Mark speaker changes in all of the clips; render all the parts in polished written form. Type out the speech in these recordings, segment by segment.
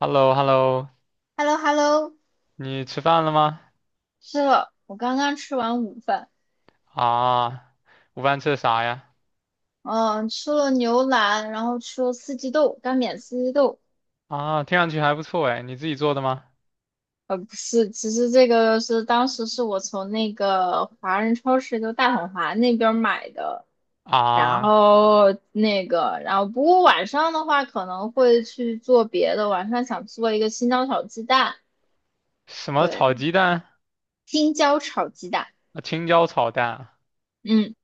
Speaker 1: h e l l o h e l l o
Speaker 2: h e l l o h e l l o
Speaker 1: 你吃饭了吗？
Speaker 2: 是了，我刚刚吃完午饭，
Speaker 1: 啊，午饭吃的啥呀？
Speaker 2: 嗯，吃了牛腩，然后吃了四季豆，干煸四季豆。
Speaker 1: 啊，听上去还不错哎，你自己做的吗？
Speaker 2: 不是，其实这个是当时是我从那个华人超市，就大统华那边儿买的，
Speaker 1: 啊，
Speaker 2: 然后不过晚上的话可能会去做别的，晚上想做一个青椒炒鸡蛋，
Speaker 1: 什么炒
Speaker 2: 对，
Speaker 1: 鸡蛋？
Speaker 2: 青椒炒鸡蛋，
Speaker 1: 啊青椒炒蛋啊。
Speaker 2: 嗯。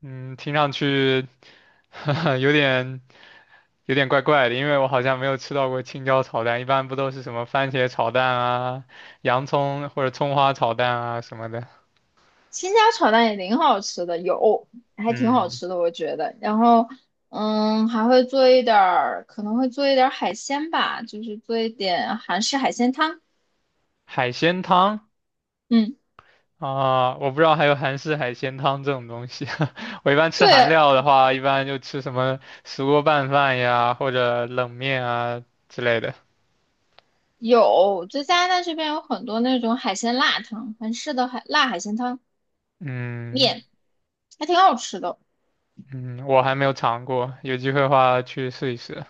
Speaker 1: 嗯，听上去 有点怪怪的，因为我好像没有吃到过青椒炒蛋，一般不都是什么番茄炒蛋啊、洋葱或者葱花炒蛋啊什么的。
Speaker 2: 新家炒蛋也挺好吃的，有，还挺好
Speaker 1: 嗯，
Speaker 2: 吃的，我觉得。然后，还会做一点儿，可能会做一点儿海鲜吧，就是做一点韩式海鲜汤。
Speaker 1: 海鲜汤？
Speaker 2: 嗯，
Speaker 1: 啊，我不知道还有韩式海鲜汤这种东西。我一般吃
Speaker 2: 对，
Speaker 1: 韩料的话，一般就吃什么石锅拌饭呀，或者冷面啊之类的。
Speaker 2: 有，在加拿大这边有很多那种海鲜辣汤，韩式的海辣海鲜汤
Speaker 1: 嗯
Speaker 2: 面，还挺好吃的。
Speaker 1: 嗯，我还没有尝过，有机会的话去试一试。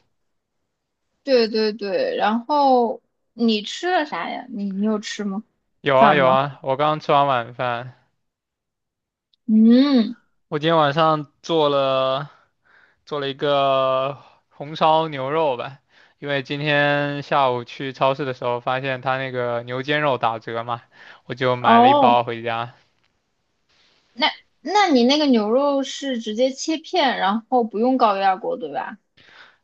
Speaker 2: 对对对，然后你吃了啥呀？你有吃吗？
Speaker 1: 有啊
Speaker 2: 饭
Speaker 1: 有
Speaker 2: 吗？
Speaker 1: 啊，我刚刚吃完晚饭，
Speaker 2: 嗯，
Speaker 1: 我今天晚上做了一个红烧牛肉吧，因为今天下午去超市的时候发现他那个牛肩肉打折嘛，我就买了一
Speaker 2: 哦。
Speaker 1: 包回家。
Speaker 2: 那那你那个牛肉是直接切片，然后不用高压锅，对吧？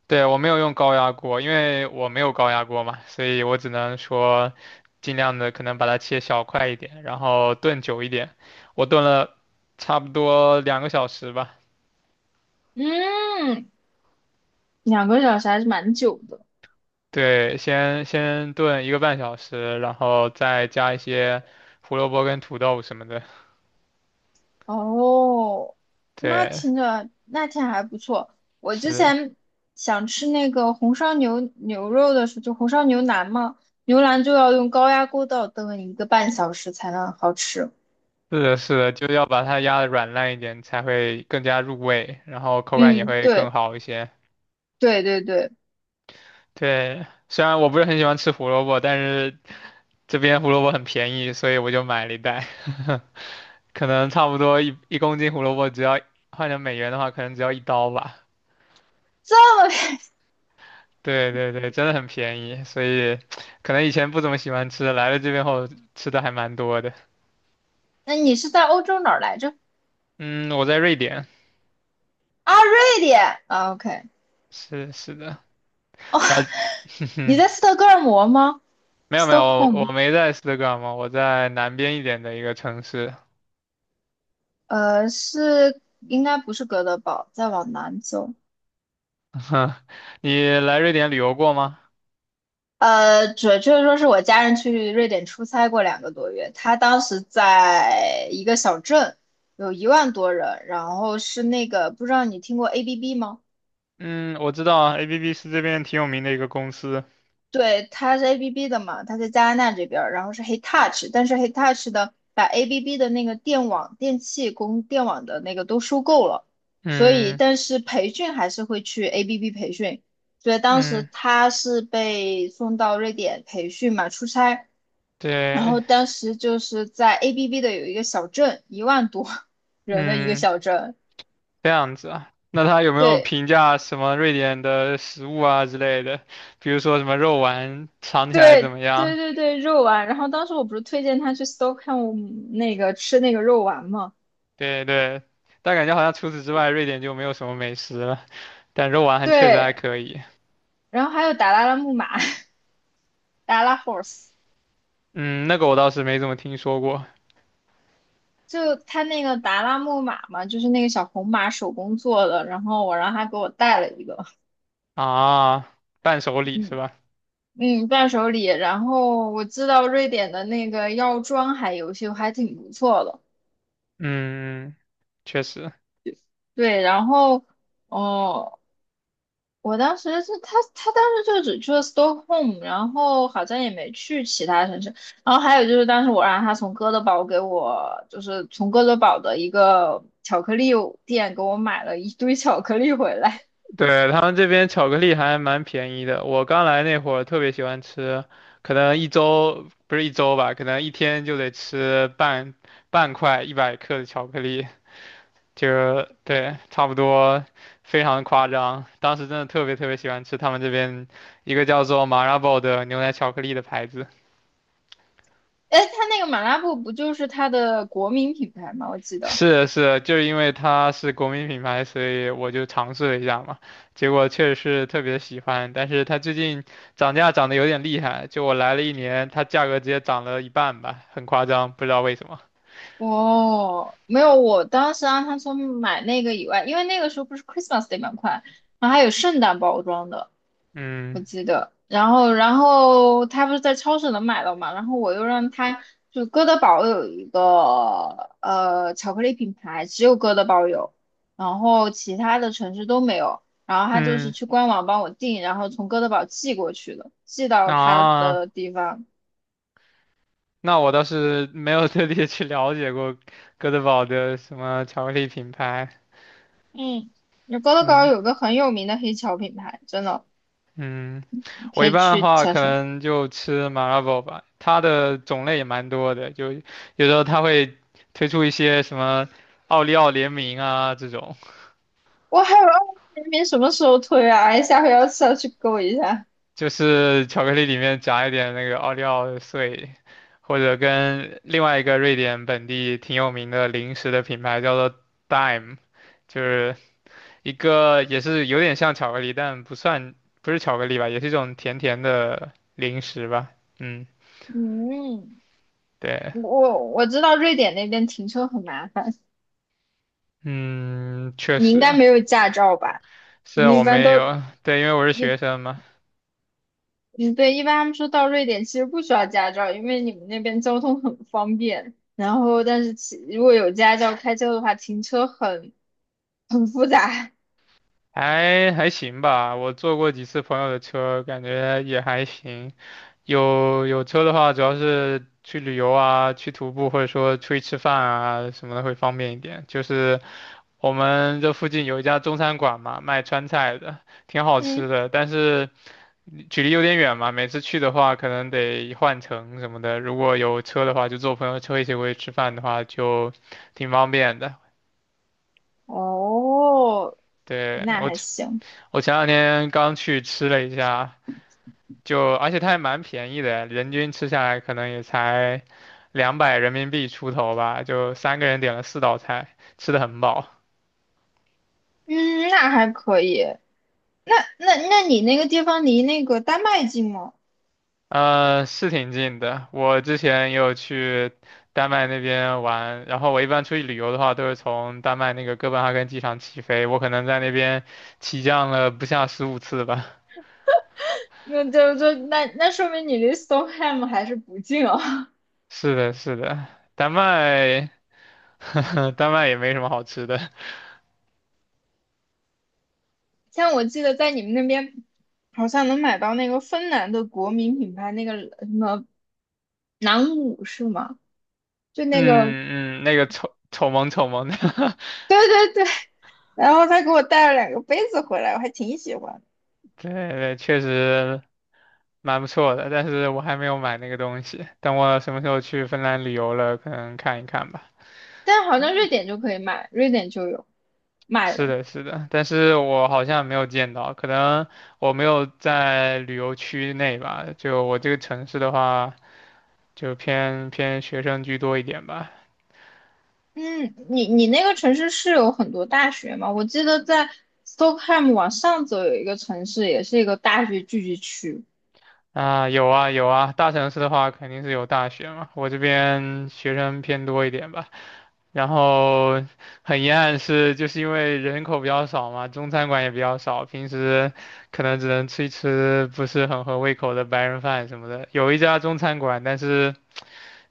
Speaker 1: 对，我没有用高压锅，因为我没有高压锅嘛，所以我只能说尽量的可能把它切小块一点，然后炖久一点。我炖了差不多2个小时吧，
Speaker 2: 嗯，2个小时还是蛮久的。
Speaker 1: 对，先炖1个半小时，然后再加一些胡萝卜跟土豆什么的。
Speaker 2: 哦，那
Speaker 1: 对，
Speaker 2: 听着那天还不错。我之
Speaker 1: 是
Speaker 2: 前想吃那个红烧牛肉的时候，就红烧牛腩嘛，牛腩就要用高压锅倒炖1个半小时才能好吃。
Speaker 1: 是的，是的，就要把它压的软烂一点，才会更加入味，然后口感也
Speaker 2: 嗯，
Speaker 1: 会更
Speaker 2: 对
Speaker 1: 好一些。
Speaker 2: 对对对，
Speaker 1: 对，虽然我不是很喜欢吃胡萝卜，但是这边胡萝卜很便宜，所以我就买了一袋，可能差不多一公斤胡萝卜只要换成美元的话，可能只要一刀吧。
Speaker 2: 这么，
Speaker 1: 对对对，真的很便宜，所以可能以前不怎么喜欢吃，来了这边后吃的还蛮多的。
Speaker 2: 那你是在欧洲哪儿来着？
Speaker 1: 嗯，我在瑞典，
Speaker 2: 啊，瑞典。啊，OK。
Speaker 1: 是是的，
Speaker 2: 哦，
Speaker 1: 然后哼
Speaker 2: 你
Speaker 1: 哼
Speaker 2: 在斯德哥尔摩吗
Speaker 1: 没有没有，我
Speaker 2: ？Stockholm，
Speaker 1: 没在斯德哥尔摩，我在南边一点的一个城市。
Speaker 2: 是应该不是哥德堡，再往南走，
Speaker 1: 你来瑞典旅游过吗？
Speaker 2: 准确说是我家人去瑞典出差过2个多月，他当时在一个小镇，有一万多人，然后是那个不知道你听过 ABB 吗？
Speaker 1: 嗯，我知道啊，ABB 是这边挺有名的一个公司。
Speaker 2: 对，它是 ABB 的嘛，它在加拿大这边儿，然后是 Hitachi，但是 Hitachi 的把 ABB 的那个电网、电器供电网的那个都收购了，所以
Speaker 1: 嗯
Speaker 2: 但是培训还是会去 ABB 培训，所以当时
Speaker 1: 嗯。
Speaker 2: 他是被送到瑞典培训嘛，出差，然
Speaker 1: 对，
Speaker 2: 后当时就是在 ABB 的有一个小镇，1万多人的一个
Speaker 1: 嗯，
Speaker 2: 小镇，
Speaker 1: 这样子啊。那他有没有
Speaker 2: 对，
Speaker 1: 评价什么瑞典的食物啊之类的？比如说什么肉丸尝起来怎
Speaker 2: 对
Speaker 1: 么
Speaker 2: 对
Speaker 1: 样？
Speaker 2: 对对，肉丸。然后当时我不是推荐他去 Stockholm 那个吃那个肉丸嘛？
Speaker 1: 对对，但感觉好像除此之外，瑞典就没有什么美食了。但肉丸还确实还
Speaker 2: 对，
Speaker 1: 可以。
Speaker 2: 然后还有达拉拉木马，达拉 horse，
Speaker 1: 嗯，那个我倒是没怎么听说过。
Speaker 2: 就他那个达拉木马嘛，就是那个小红马手工做的。然后我让他给我带了一个，
Speaker 1: 啊，伴手礼是
Speaker 2: 嗯
Speaker 1: 吧？
Speaker 2: 嗯，伴手礼。然后我知道瑞典的那个药妆还有些还挺不错的，
Speaker 1: 嗯，嗯确实。
Speaker 2: 对。然后哦，我当时是他，他当时就只去了 Stockholm，然后好像也没去其他城市。然后还有就是，当时我让他从哥德堡给我，就是从哥德堡的一个巧克力店给我买了一堆巧克力回来。
Speaker 1: 对，他们这边巧克力还蛮便宜的，我刚来那会儿特别喜欢吃，可能一周，不是一周吧，可能一天就得吃半块100克的巧克力，就对，差不多，非常夸张。当时真的特别特别喜欢吃他们这边一个叫做 Marabou 的牛奶巧克力的牌子。
Speaker 2: 哎，他那个马拉布不就是他的国民品牌吗？我记 得。
Speaker 1: 是是，就是因为它是国民品牌，所以我就尝试了一下嘛，结果确实是特别喜欢。但是它最近涨价涨得有点厉害，就我来了一年，它价格直接涨了一半吧，很夸张，不知道为什么。
Speaker 2: 哦，没有，我当时让他从买那个以外，因为那个时候不是 Christmas Day 蛮快，然后还有圣诞包装的。我
Speaker 1: 嗯
Speaker 2: 记得，然后他不是在超市能买到嘛，然后我又让他就哥德堡有一个巧克力品牌，只有哥德堡有，然后其他的城市都没有，然后他就是
Speaker 1: 嗯。
Speaker 2: 去官网帮我订，然后从哥德堡寄过去的，寄到他
Speaker 1: 啊，
Speaker 2: 的地方。
Speaker 1: 那我倒是没有特地去了解过哥德堡的什么巧克力品牌。
Speaker 2: 嗯，那哥德堡
Speaker 1: 嗯。
Speaker 2: 有个很有名的黑巧品牌，真的，
Speaker 1: 嗯，
Speaker 2: 你
Speaker 1: 我
Speaker 2: 可
Speaker 1: 一
Speaker 2: 以
Speaker 1: 般的
Speaker 2: 去
Speaker 1: 话
Speaker 2: 查
Speaker 1: 可
Speaker 2: 查。
Speaker 1: 能就吃 m a r 麻辣锅吧，它的种类也蛮多的，就有时候它会推出一些什么奥利奥联名啊这种，
Speaker 2: 我还有2000什么时候推啊？哎，下回要是要去勾一下。
Speaker 1: 就是巧克力里面夹一点那个奥利奥碎，或者跟另外一个瑞典本地挺有名的零食的品牌叫做 Dime，就是一个也是有点像巧克力，但不是巧克力吧，也是一种甜甜的零食吧，嗯。
Speaker 2: 嗯。
Speaker 1: 对，
Speaker 2: 我知道瑞典那边停车很麻烦，
Speaker 1: 嗯，确
Speaker 2: 你应该
Speaker 1: 实。
Speaker 2: 没有驾照吧？
Speaker 1: 是啊
Speaker 2: 你
Speaker 1: 我
Speaker 2: 一般
Speaker 1: 没
Speaker 2: 都
Speaker 1: 有，对，因为我是学
Speaker 2: 一
Speaker 1: 生嘛，
Speaker 2: 嗯对，一般他们说到瑞典其实不需要驾照，因为你们那边交通很方便。然后，但是其如果有驾照开车的话，停车很复杂。
Speaker 1: 还还行吧。我坐过几次朋友的车，感觉也还行。有车的话，主要是去旅游啊，去徒步，或者说出去吃饭啊什么的会方便一点。就是我们这附近有一家中餐馆嘛，卖川菜的，挺 好吃
Speaker 2: 嗯，
Speaker 1: 的，但是距离有点远嘛，每次去的话可能得换乘什么的。如果有车的话，就坐朋友车一起过去吃饭的话，就挺方便的。
Speaker 2: 哦，
Speaker 1: 对，
Speaker 2: 那
Speaker 1: 我，
Speaker 2: 还行，
Speaker 1: 我前两天刚去吃了一下，就而且它还蛮便宜的，人均吃下来可能也才200人民币出头吧，就三个人点了四道菜，吃的很饱。
Speaker 2: 嗯，那还可以。那你那个地方离那个丹麦近吗？
Speaker 1: 呃，是挺近的。我之前也有去丹麦那边玩，然后我一般出去旅游的话，都是从丹麦那个哥本哈根机场起飞。我可能在那边起降了不下15次吧。
Speaker 2: 那就那说明你离 Stockholm 还是不近啊？
Speaker 1: 是的，是的，丹麦，丹麦也没什么好吃的。
Speaker 2: 像我记得在你们那边好像能买到那个芬兰的国民品牌那个什么南舞是吗？就那个，
Speaker 1: 嗯嗯，那个丑丑萌丑萌的，
Speaker 2: 对对，然后他给我带了2个杯子回来，我还挺喜欢的。
Speaker 1: 对对，确实蛮不错的。但是我还没有买那个东西，等我什么时候去芬兰旅游了，可能看一看吧。
Speaker 2: 但好像瑞典就可以买，瑞典就有卖
Speaker 1: 是
Speaker 2: 的。
Speaker 1: 的，是的，但是我好像没有见到，可能我没有在旅游区内吧。就我这个城市的话，就偏偏学生居多一点吧。
Speaker 2: 嗯，你那个城市是有很多大学吗？我记得在 Stockholm 往上走有一个城市，也是一个大学聚集区，
Speaker 1: 啊，有啊有啊，大城市的话肯定是有大学嘛，我这边学生偏多一点吧。然后很遗憾是，就是因为人口比较少嘛，中餐馆也比较少，平时可能只能吃一吃不是很合胃口的白人饭什么的。有一家中餐馆，但是。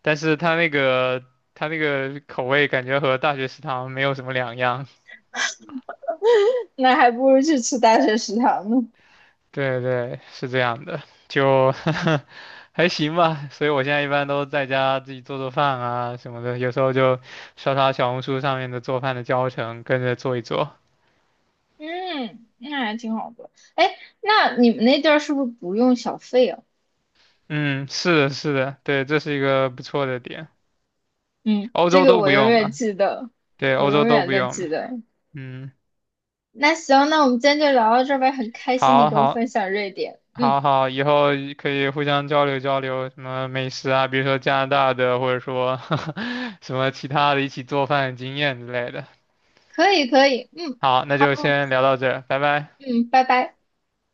Speaker 1: 但是它那个口味感觉和大学食堂没有什么两样。
Speaker 2: 那还不如去吃大学食堂呢。
Speaker 1: 对对，是这样的，就 还行吧。所以我现在一般都在家自己做做饭啊什么的，有时候就刷刷小红书上面的做饭的教程，跟着做一做。
Speaker 2: 嗯，那还挺好的。哎，那你们那地儿是不是不用小费啊？
Speaker 1: 嗯，是的，是的，对，这是一个不错的点。
Speaker 2: 嗯，
Speaker 1: 欧
Speaker 2: 这
Speaker 1: 洲
Speaker 2: 个
Speaker 1: 都不
Speaker 2: 我永
Speaker 1: 用
Speaker 2: 远
Speaker 1: 吧？
Speaker 2: 记得，
Speaker 1: 对，
Speaker 2: 我
Speaker 1: 欧洲
Speaker 2: 永
Speaker 1: 都
Speaker 2: 远
Speaker 1: 不
Speaker 2: 的
Speaker 1: 用
Speaker 2: 记
Speaker 1: 吧？
Speaker 2: 得。
Speaker 1: 嗯，
Speaker 2: 那行，那我们今天就聊到这儿呗，很开心你
Speaker 1: 好
Speaker 2: 跟我
Speaker 1: 好。
Speaker 2: 分享瑞典。
Speaker 1: 好
Speaker 2: 嗯，
Speaker 1: 好，以后可以互相交流交流什么美食啊，比如说加拿大的，或者说 什么其他的一起做饭的经验之类的。
Speaker 2: 可以，可以，嗯，
Speaker 1: 好，那
Speaker 2: 好，
Speaker 1: 就先聊到这儿，拜拜。
Speaker 2: 嗯，拜拜。